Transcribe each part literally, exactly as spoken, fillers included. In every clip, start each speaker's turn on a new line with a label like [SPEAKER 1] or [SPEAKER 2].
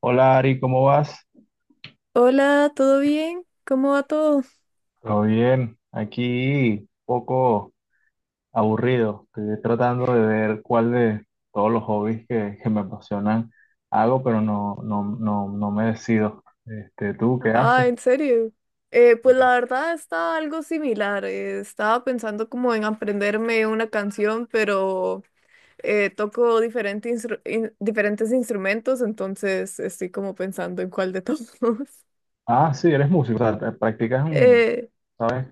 [SPEAKER 1] Hola Ari, ¿cómo vas?
[SPEAKER 2] Hola, ¿todo bien? ¿Cómo va todo?
[SPEAKER 1] Todo bien, aquí poco aburrido. Estoy tratando de ver cuál de todos los hobbies que, que me apasionan hago, pero no, no, no, no me decido. Este, ¿tú qué
[SPEAKER 2] Ah,
[SPEAKER 1] haces?
[SPEAKER 2] ¿en serio? Eh, pues la verdad está algo similar. Eh, estaba pensando como en aprenderme una canción, pero eh, toco diferente instru- in- diferentes instrumentos, entonces estoy como pensando en cuál de todos.
[SPEAKER 1] Ah, sí, eres músico, o sea, te- practicas un,
[SPEAKER 2] Eh,
[SPEAKER 1] ¿sabes?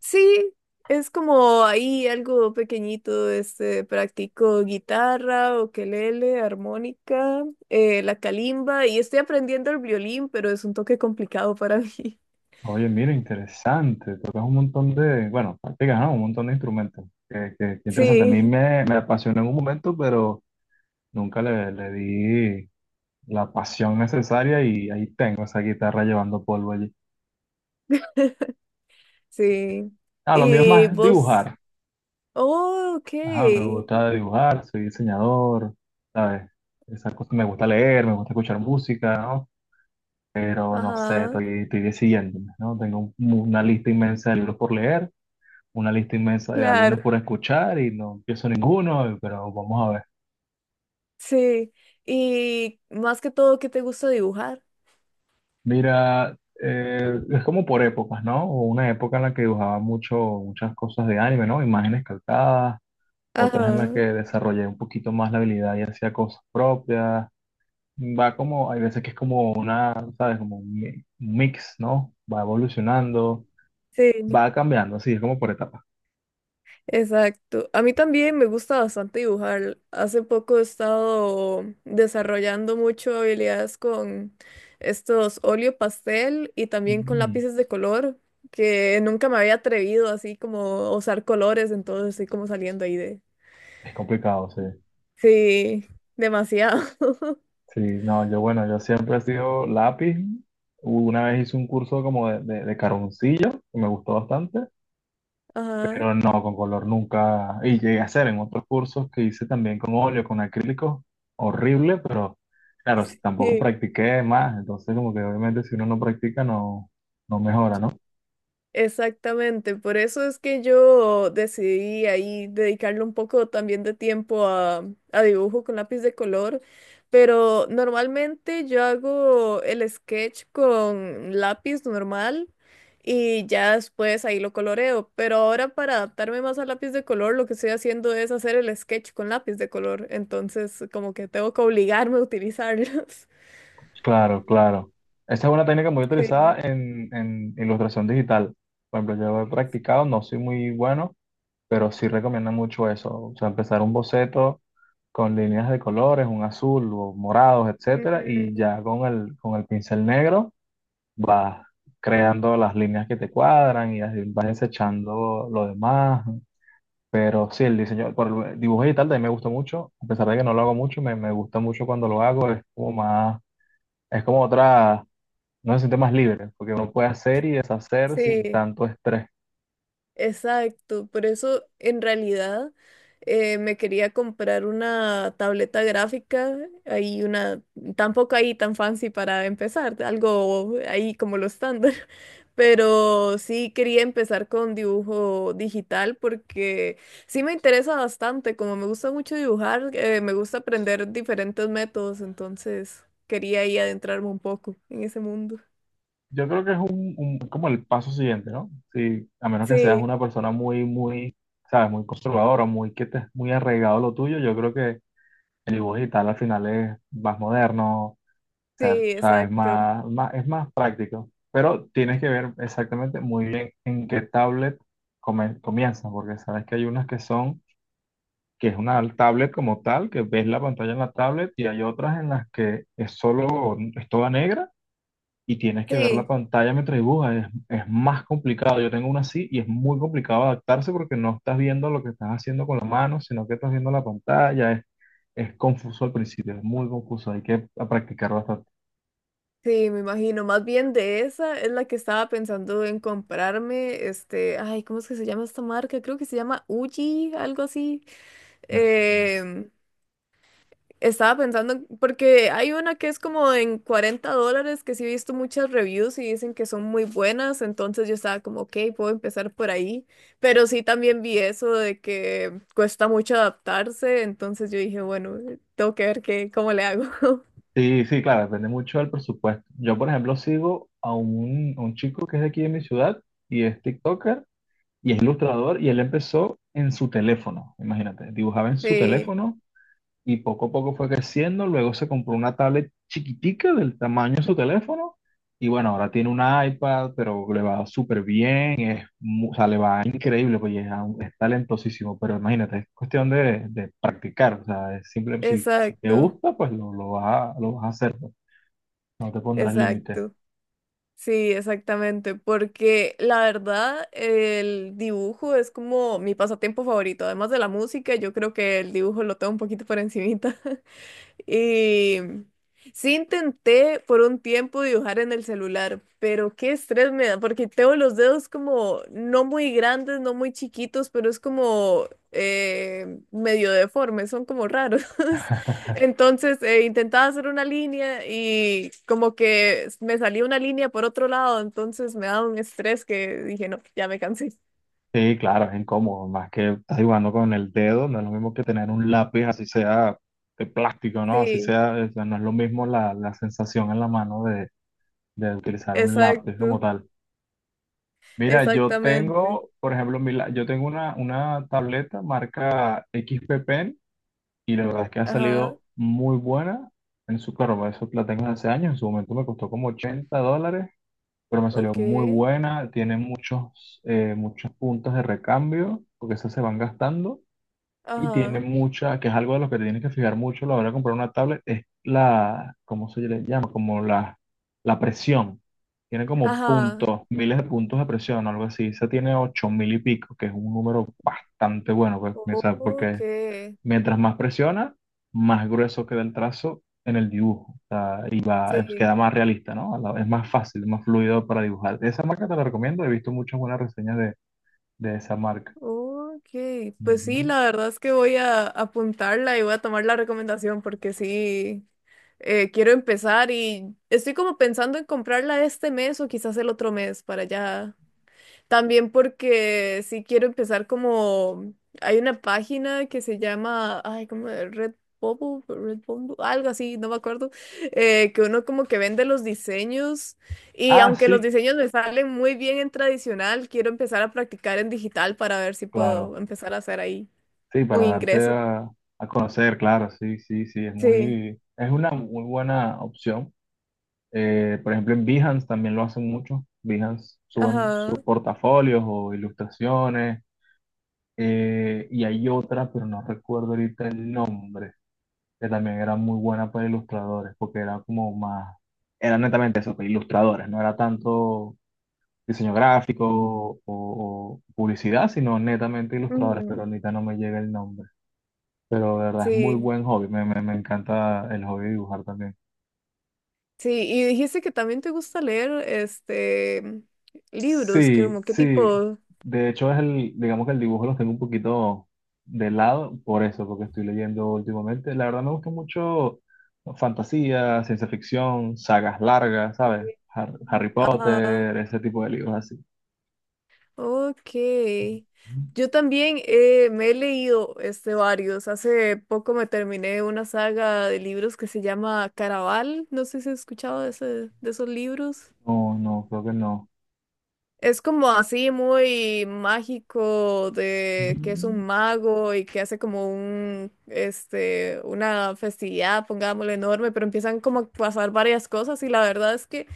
[SPEAKER 2] Sí, es como ahí algo pequeñito, este, practico guitarra, ukelele, armónica, eh, la calimba y estoy aprendiendo el violín, pero es un toque complicado para mí.
[SPEAKER 1] Oye, mira, interesante, tocas un montón de, bueno, practicas, ¿no? Un montón de instrumentos. Que, que- que interesante, a mí
[SPEAKER 2] Sí,
[SPEAKER 1] me, me apasionó en un momento, pero nunca le, le di la pasión necesaria y ahí tengo esa guitarra llevando polvo allí.
[SPEAKER 2] sí.
[SPEAKER 1] Ah, lo mío es
[SPEAKER 2] Y
[SPEAKER 1] más
[SPEAKER 2] vos,
[SPEAKER 1] dibujar.
[SPEAKER 2] oh, ok,
[SPEAKER 1] Ajá, me gusta dibujar, soy diseñador, ¿sabes? Esa cosa, me gusta leer, me gusta escuchar música, ¿no? Pero no sé,
[SPEAKER 2] ajá,
[SPEAKER 1] estoy, estoy decidiéndome, ¿no? Tengo un- una lista inmensa de libros por leer, una lista inmensa de
[SPEAKER 2] claro,
[SPEAKER 1] álbumes por escuchar y no empiezo ninguno, pero vamos a ver.
[SPEAKER 2] sí. Y más que todo, ¿qué te gusta dibujar?
[SPEAKER 1] Mira, eh, es como por épocas, ¿no? Hubo una época en la que dibujaba mucho, muchas cosas de anime, ¿no? Imágenes calcadas, otras en las que
[SPEAKER 2] Ajá,
[SPEAKER 1] desarrollé un poquito más la habilidad y hacía cosas propias. Va como, hay veces que es como una, ¿sabes? Como un mi- un mix, ¿no? Va evolucionando,
[SPEAKER 2] sí.
[SPEAKER 1] va cambiando, así es como por etapas.
[SPEAKER 2] Exacto. A mí también me gusta bastante dibujar. Hace poco he estado desarrollando mucho habilidades con estos óleo pastel y también con
[SPEAKER 1] Mm,
[SPEAKER 2] lápices de color, que nunca me había atrevido así como a usar colores, entonces estoy como saliendo ahí de...
[SPEAKER 1] es complicado, sí.
[SPEAKER 2] Sí, demasiado.
[SPEAKER 1] Sí, no, yo bueno, yo siempre he sido lápiz. Una vez hice un curso como de, de, de carboncillo, que me gustó bastante.
[SPEAKER 2] Ajá.
[SPEAKER 1] Pero no, con color nunca. Y llegué a hacer en otros cursos que hice también con óleo, con acrílico, horrible, pero claro, s- tampoco practiqué más, entonces como que obviamente si uno no practica no, no mejora, ¿no?
[SPEAKER 2] Exactamente, por eso es que yo decidí ahí dedicarle un poco también de tiempo a, a dibujo con lápiz de color, pero normalmente yo hago el sketch con lápiz normal y ya después ahí lo coloreo, pero ahora para adaptarme más al lápiz de color lo que estoy haciendo es hacer el sketch con lápiz de color, entonces como que tengo que obligarme a utilizarlos.
[SPEAKER 1] Claro, claro. Esa es una técnica muy utilizada
[SPEAKER 2] Sí.
[SPEAKER 1] en, en ilustración digital. Por ejemplo, yo he practicado, no soy muy bueno, pero sí recomiendo mucho eso. O sea, empezar un boceto con líneas de colores, un azul o morados, etcétera, y
[SPEAKER 2] Ujú,
[SPEAKER 1] ya con el, con el pincel negro vas creando las líneas que te cuadran y así vas desechando lo demás. Pero sí, el diseño, por el dibujo digital también me gusta mucho, a pesar de que no lo hago mucho, me, me gusta mucho cuando lo hago, es como más, es como otra, no se siente más libre, porque uno puede hacer y deshacer sin
[SPEAKER 2] sí.
[SPEAKER 1] tanto estrés.
[SPEAKER 2] Exacto, por eso en realidad eh, me quería comprar una tableta gráfica, ahí una, tampoco ahí tan fancy para empezar, algo ahí como lo estándar, pero sí quería empezar con dibujo digital porque sí me interesa bastante, como me gusta mucho dibujar, eh, me gusta aprender diferentes métodos, entonces quería ahí adentrarme un poco en ese mundo.
[SPEAKER 1] Yo creo que es un, un- como el paso siguiente, ¿no? Si, a menos que seas
[SPEAKER 2] Sí,
[SPEAKER 1] una persona muy, muy, sabes, muy conservadora, muy que te muy arraigado a lo tuyo, yo creo que el dibujo digital al final es más moderno. O
[SPEAKER 2] sí,
[SPEAKER 1] sea, o sea, es
[SPEAKER 2] exacto.
[SPEAKER 1] más, más- es más práctico, pero tienes que ver exactamente muy bien en qué tablet come- comienzas, porque sabes que hay unas que son, que es una tablet como tal, que ves la pantalla en la tablet, y hay otras en las que es solo, es toda negra, y tienes que ver la
[SPEAKER 2] Sí.
[SPEAKER 1] pantalla mientras dibujas, es, es más complicado. Yo tengo una así y es muy complicado adaptarse porque no estás viendo lo que estás haciendo con la mano, sino que estás viendo la pantalla, es, es confuso al principio, es muy confuso, hay que practicar bastante.
[SPEAKER 2] Sí, me imagino. Más bien de esa es la que estaba pensando en comprarme. Este, ay, ¿cómo es que se llama esta marca? Creo que se llama Uji, algo así.
[SPEAKER 1] Me suena.
[SPEAKER 2] Em, Estaba pensando, en- porque hay una que es como en cuarenta dólares, que sí he visto muchas reviews y dicen que son muy buenas. Entonces yo estaba como, ok, puedo empezar por ahí. Pero sí también vi eso de que cuesta mucho adaptarse. Entonces yo dije, bueno, tengo que ver qué, cómo le hago.
[SPEAKER 1] Sí, sí, claro, depende mucho del presupuesto. Yo, por ejemplo, sigo a un, a un chico que es de aquí de mi ciudad y es TikToker y es ilustrador y él empezó en su teléfono, imagínate, dibujaba en su
[SPEAKER 2] Sí,
[SPEAKER 1] teléfono y poco a poco fue creciendo, luego se compró una tablet chiquitica del tamaño de su teléfono y bueno, ahora tiene un iPad, pero le va súper bien, es, mu- o sea, le va increíble, pues y es, a- es talentosísimo, pero imagínate, es cuestión de, de practicar, o sea, es simple, si, si te
[SPEAKER 2] exacto,
[SPEAKER 1] gusta, pues lo, lo vas a, lo vas a hacer, pues. No te pondrás límite.
[SPEAKER 2] exacto. Sí, exactamente, porque la verdad el dibujo es como mi pasatiempo favorito, además de la música, yo creo que el dibujo lo tengo un poquito por encimita. Y sí intenté por un tiempo dibujar en el celular, pero qué estrés me da, porque tengo los dedos como no muy grandes, no muy chiquitos, pero es como eh, medio deformes, son como raros. Entonces eh, intentaba hacer una línea y como que me salía una línea por otro lado, entonces me daba un estrés que dije, no, ya me cansé.
[SPEAKER 1] Sí, claro, es incómodo, más que estás jugando con el dedo, no es lo mismo que tener un lápiz, así sea de plástico, ¿no? Así
[SPEAKER 2] Sí,
[SPEAKER 1] sea, o sea, no es lo mismo la, la sensación en la mano de, de utilizar un lápiz como
[SPEAKER 2] exacto,
[SPEAKER 1] tal. Mira, yo
[SPEAKER 2] exactamente.
[SPEAKER 1] tengo, por ejemplo, mi la- yo tengo una, una tableta marca X P Pen y la verdad es que ha
[SPEAKER 2] Ajá,
[SPEAKER 1] salido muy buena en su, claro, eso la tengo desde hace años, en su momento me costó como ochenta dólares, pero me salió
[SPEAKER 2] ok,
[SPEAKER 1] muy buena, tiene muchos, eh, muchos puntos de recambio, porque esas se van gastando, y tiene
[SPEAKER 2] ajá,
[SPEAKER 1] mucha, que es algo de lo que te tienes que fijar mucho a la hora de comprar una tablet, es la, ¿cómo se le llama? Como la, la presión. Tiene como
[SPEAKER 2] ajá.
[SPEAKER 1] puntos, miles de puntos de presión, algo así. Esa tiene ocho mil y pico, que es un número bastante bueno, pues, o sea,
[SPEAKER 2] Ok,
[SPEAKER 1] porque mientras más presiona, más grueso queda el trazo en el dibujo. O sea, y va, es-
[SPEAKER 2] sí,
[SPEAKER 1] queda más realista, ¿no? A la- Es más fácil, más fluido para dibujar. Esa marca te la recomiendo. He visto muchas buenas reseñas de, de esa marca.
[SPEAKER 2] ok. Pues sí,
[SPEAKER 1] Ujú.
[SPEAKER 2] la verdad es que voy a apuntarla y voy a tomar la recomendación porque sí, eh, quiero empezar y estoy como pensando en comprarla este mes o quizás el otro mes para ya. También porque sí quiero empezar como hay una página que se llama, ay, como Red Bubble, Red Bumble, algo así, no me acuerdo, eh, que uno como que vende los diseños y
[SPEAKER 1] Ah,
[SPEAKER 2] aunque los
[SPEAKER 1] sí,
[SPEAKER 2] diseños me salen muy bien en tradicional, quiero empezar a practicar en digital para ver si puedo
[SPEAKER 1] claro.
[SPEAKER 2] empezar a hacer ahí
[SPEAKER 1] Sí,
[SPEAKER 2] un
[SPEAKER 1] para darse
[SPEAKER 2] ingreso.
[SPEAKER 1] a, a conocer, claro. Sí, sí, sí. Es
[SPEAKER 2] Sí,
[SPEAKER 1] muy, es una muy buena opción. Eh, por ejemplo, en Behance también lo hacen mucho. Behance suben sus
[SPEAKER 2] ajá.
[SPEAKER 1] portafolios o ilustraciones, eh, y hay otra, pero no recuerdo ahorita el nombre, que también era muy buena para ilustradores, porque era como más, era netamente eso, pues, ilustradores, no era tanto diseño gráfico o, o publicidad, sino netamente ilustradores, pero
[SPEAKER 2] Ujú,
[SPEAKER 1] ahorita no me llega el nombre. Pero de verdad es muy
[SPEAKER 2] sí,
[SPEAKER 1] buen hobby, me, me, me encanta el hobby de dibujar también.
[SPEAKER 2] sí, y dijiste que también te gusta leer este libros,
[SPEAKER 1] Sí,
[SPEAKER 2] como qué
[SPEAKER 1] sí.
[SPEAKER 2] tipo,
[SPEAKER 1] De hecho, es el, digamos que el dibujo los tengo un poquito de lado por eso, porque estoy leyendo últimamente. La verdad me gusta mucho fantasía, ciencia ficción, sagas largas, ¿sabes? Har- Harry
[SPEAKER 2] ajá.
[SPEAKER 1] Potter, ese tipo de libros así.
[SPEAKER 2] Ok. Yo también eh, me he leído este, varios. Hace poco me terminé una saga de libros que se llama Caraval. No sé si has escuchado de, ese, de esos libros.
[SPEAKER 1] No, no, creo que no.
[SPEAKER 2] Es como así muy mágico de que es un
[SPEAKER 1] Mm.
[SPEAKER 2] mago y que hace como un, este, una festividad, pongámosle enorme, pero empiezan como a pasar varias cosas y la verdad es que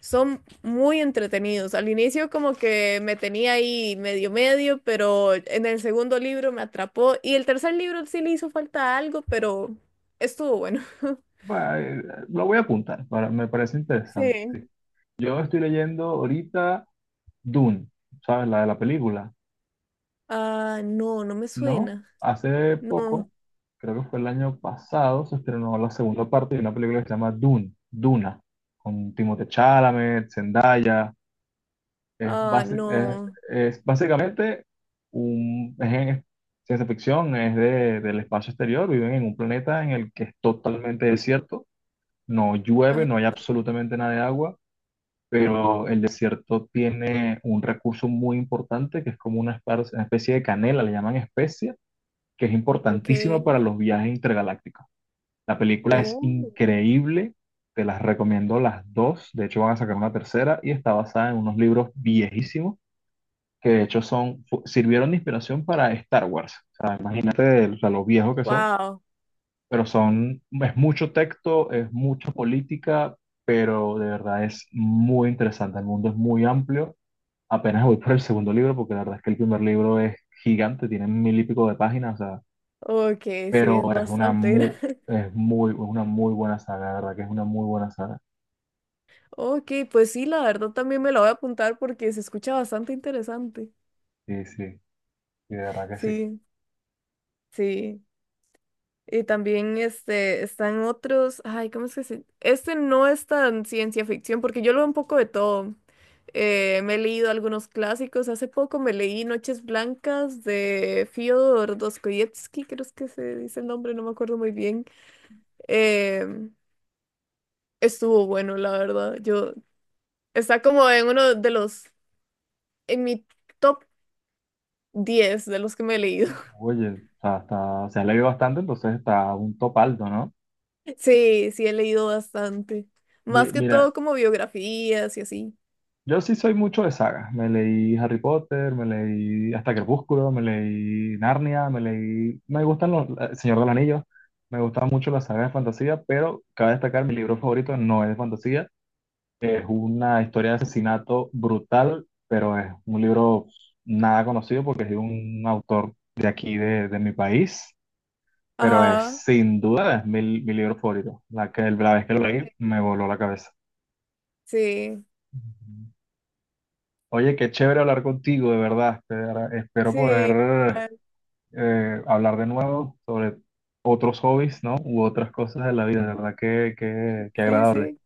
[SPEAKER 2] son muy entretenidos. Al inicio como que me tenía ahí medio medio, pero en el segundo libro me atrapó y el tercer libro sí le hizo falta algo, pero estuvo bueno.
[SPEAKER 1] Bueno, eh, lo voy a apuntar, para- me parece interesante. Sí.
[SPEAKER 2] Sí.
[SPEAKER 1] Yo estoy leyendo ahorita Dune, ¿sabes? La de la película.
[SPEAKER 2] Ah, no, no me
[SPEAKER 1] No,
[SPEAKER 2] suena.
[SPEAKER 1] hace
[SPEAKER 2] No.
[SPEAKER 1] poco, creo que fue el año pasado, se estrenó la segunda parte de una película que se llama Dune, Duna, con Timothée Chalamet, Zendaya. Es,
[SPEAKER 2] Ah,
[SPEAKER 1] basi- es-
[SPEAKER 2] no.
[SPEAKER 1] es básicamente un, es en- ciencia ficción, es de- del espacio exterior, viven en un planeta en el que es totalmente desierto, no llueve,
[SPEAKER 2] Ajá,
[SPEAKER 1] no hay absolutamente nada de agua, pero el desierto tiene un recurso muy importante que es como una espar- una especie de canela, le llaman especia, que es
[SPEAKER 2] ok.
[SPEAKER 1] importantísima para los viajes intergalácticos. La película es
[SPEAKER 2] Oh,
[SPEAKER 1] increíble, te las recomiendo las dos, de hecho van a sacar una tercera y está basada en unos libros viejísimos que de hecho son, fu- sirvieron de inspiración para Star Wars. O sea, imagínate, o sea, lo viejos que son,
[SPEAKER 2] wow.
[SPEAKER 1] pero son, es mucho texto, es mucha política, pero de verdad es muy interesante, el mundo es muy amplio. Apenas voy por el segundo libro porque la verdad es que el primer libro es gigante, tiene mil y pico de páginas, o sea,
[SPEAKER 2] Ok, sí, es
[SPEAKER 1] pero es una
[SPEAKER 2] bastante
[SPEAKER 1] muy,
[SPEAKER 2] grande.
[SPEAKER 1] es muy, una muy buena saga, de verdad que es una muy buena saga.
[SPEAKER 2] Ok, pues sí, la verdad también me la voy a apuntar porque se escucha bastante interesante.
[SPEAKER 1] Sí, sí, sí, de verdad que sí.
[SPEAKER 2] Sí, sí. Y también este, están otros, ay, ¿cómo es que se...? Este no es tan ciencia ficción porque yo leo un poco de todo. Eh, me he leído algunos clásicos, hace poco me leí Noches Blancas de Fyodor Dostoyevsky, creo es que se dice el nombre, no me acuerdo muy bien. Em, Estuvo bueno, la verdad. Yo, está como en uno de los, en mi top diez de los que me he leído.
[SPEAKER 1] Oye, o sea, está, se ha leído bastante, entonces está un top alto, ¿no?
[SPEAKER 2] Sí, sí, he leído bastante.
[SPEAKER 1] Mi-
[SPEAKER 2] Más que
[SPEAKER 1] mira,
[SPEAKER 2] todo como biografías y así.
[SPEAKER 1] yo sí soy mucho de sagas. Me leí Harry Potter, me leí hasta Crepúsculo, me leí Narnia, me leí... Me gustan los... El Señor de los Anillos, me gustan mucho las sagas de fantasía, pero cabe destacar, mi libro favorito no es de fantasía. Es una historia de asesinato brutal, pero es un libro nada conocido porque es de un autor de aquí, de, de mi país, pero es
[SPEAKER 2] Ajá.
[SPEAKER 1] sin duda es mi, mi libro favorito. La que, la vez que lo leí me voló la cabeza.
[SPEAKER 2] Sí,
[SPEAKER 1] Ujú. Oye, qué chévere hablar contigo, de verdad. Espera- Espero
[SPEAKER 2] sí,
[SPEAKER 1] poder
[SPEAKER 2] ay,
[SPEAKER 1] eh, hablar de nuevo sobre otros hobbies, ¿no? U otras cosas de la vida, de verdad que, que, que
[SPEAKER 2] sí,
[SPEAKER 1] agradable.
[SPEAKER 2] sí,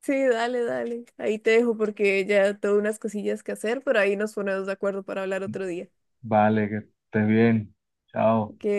[SPEAKER 2] sí, dale, dale. Ahí te dejo porque ya tengo unas cosillas que hacer, pero ahí nos ponemos de acuerdo para hablar otro día.
[SPEAKER 1] Vale, que estés bien. Chao.
[SPEAKER 2] Ok,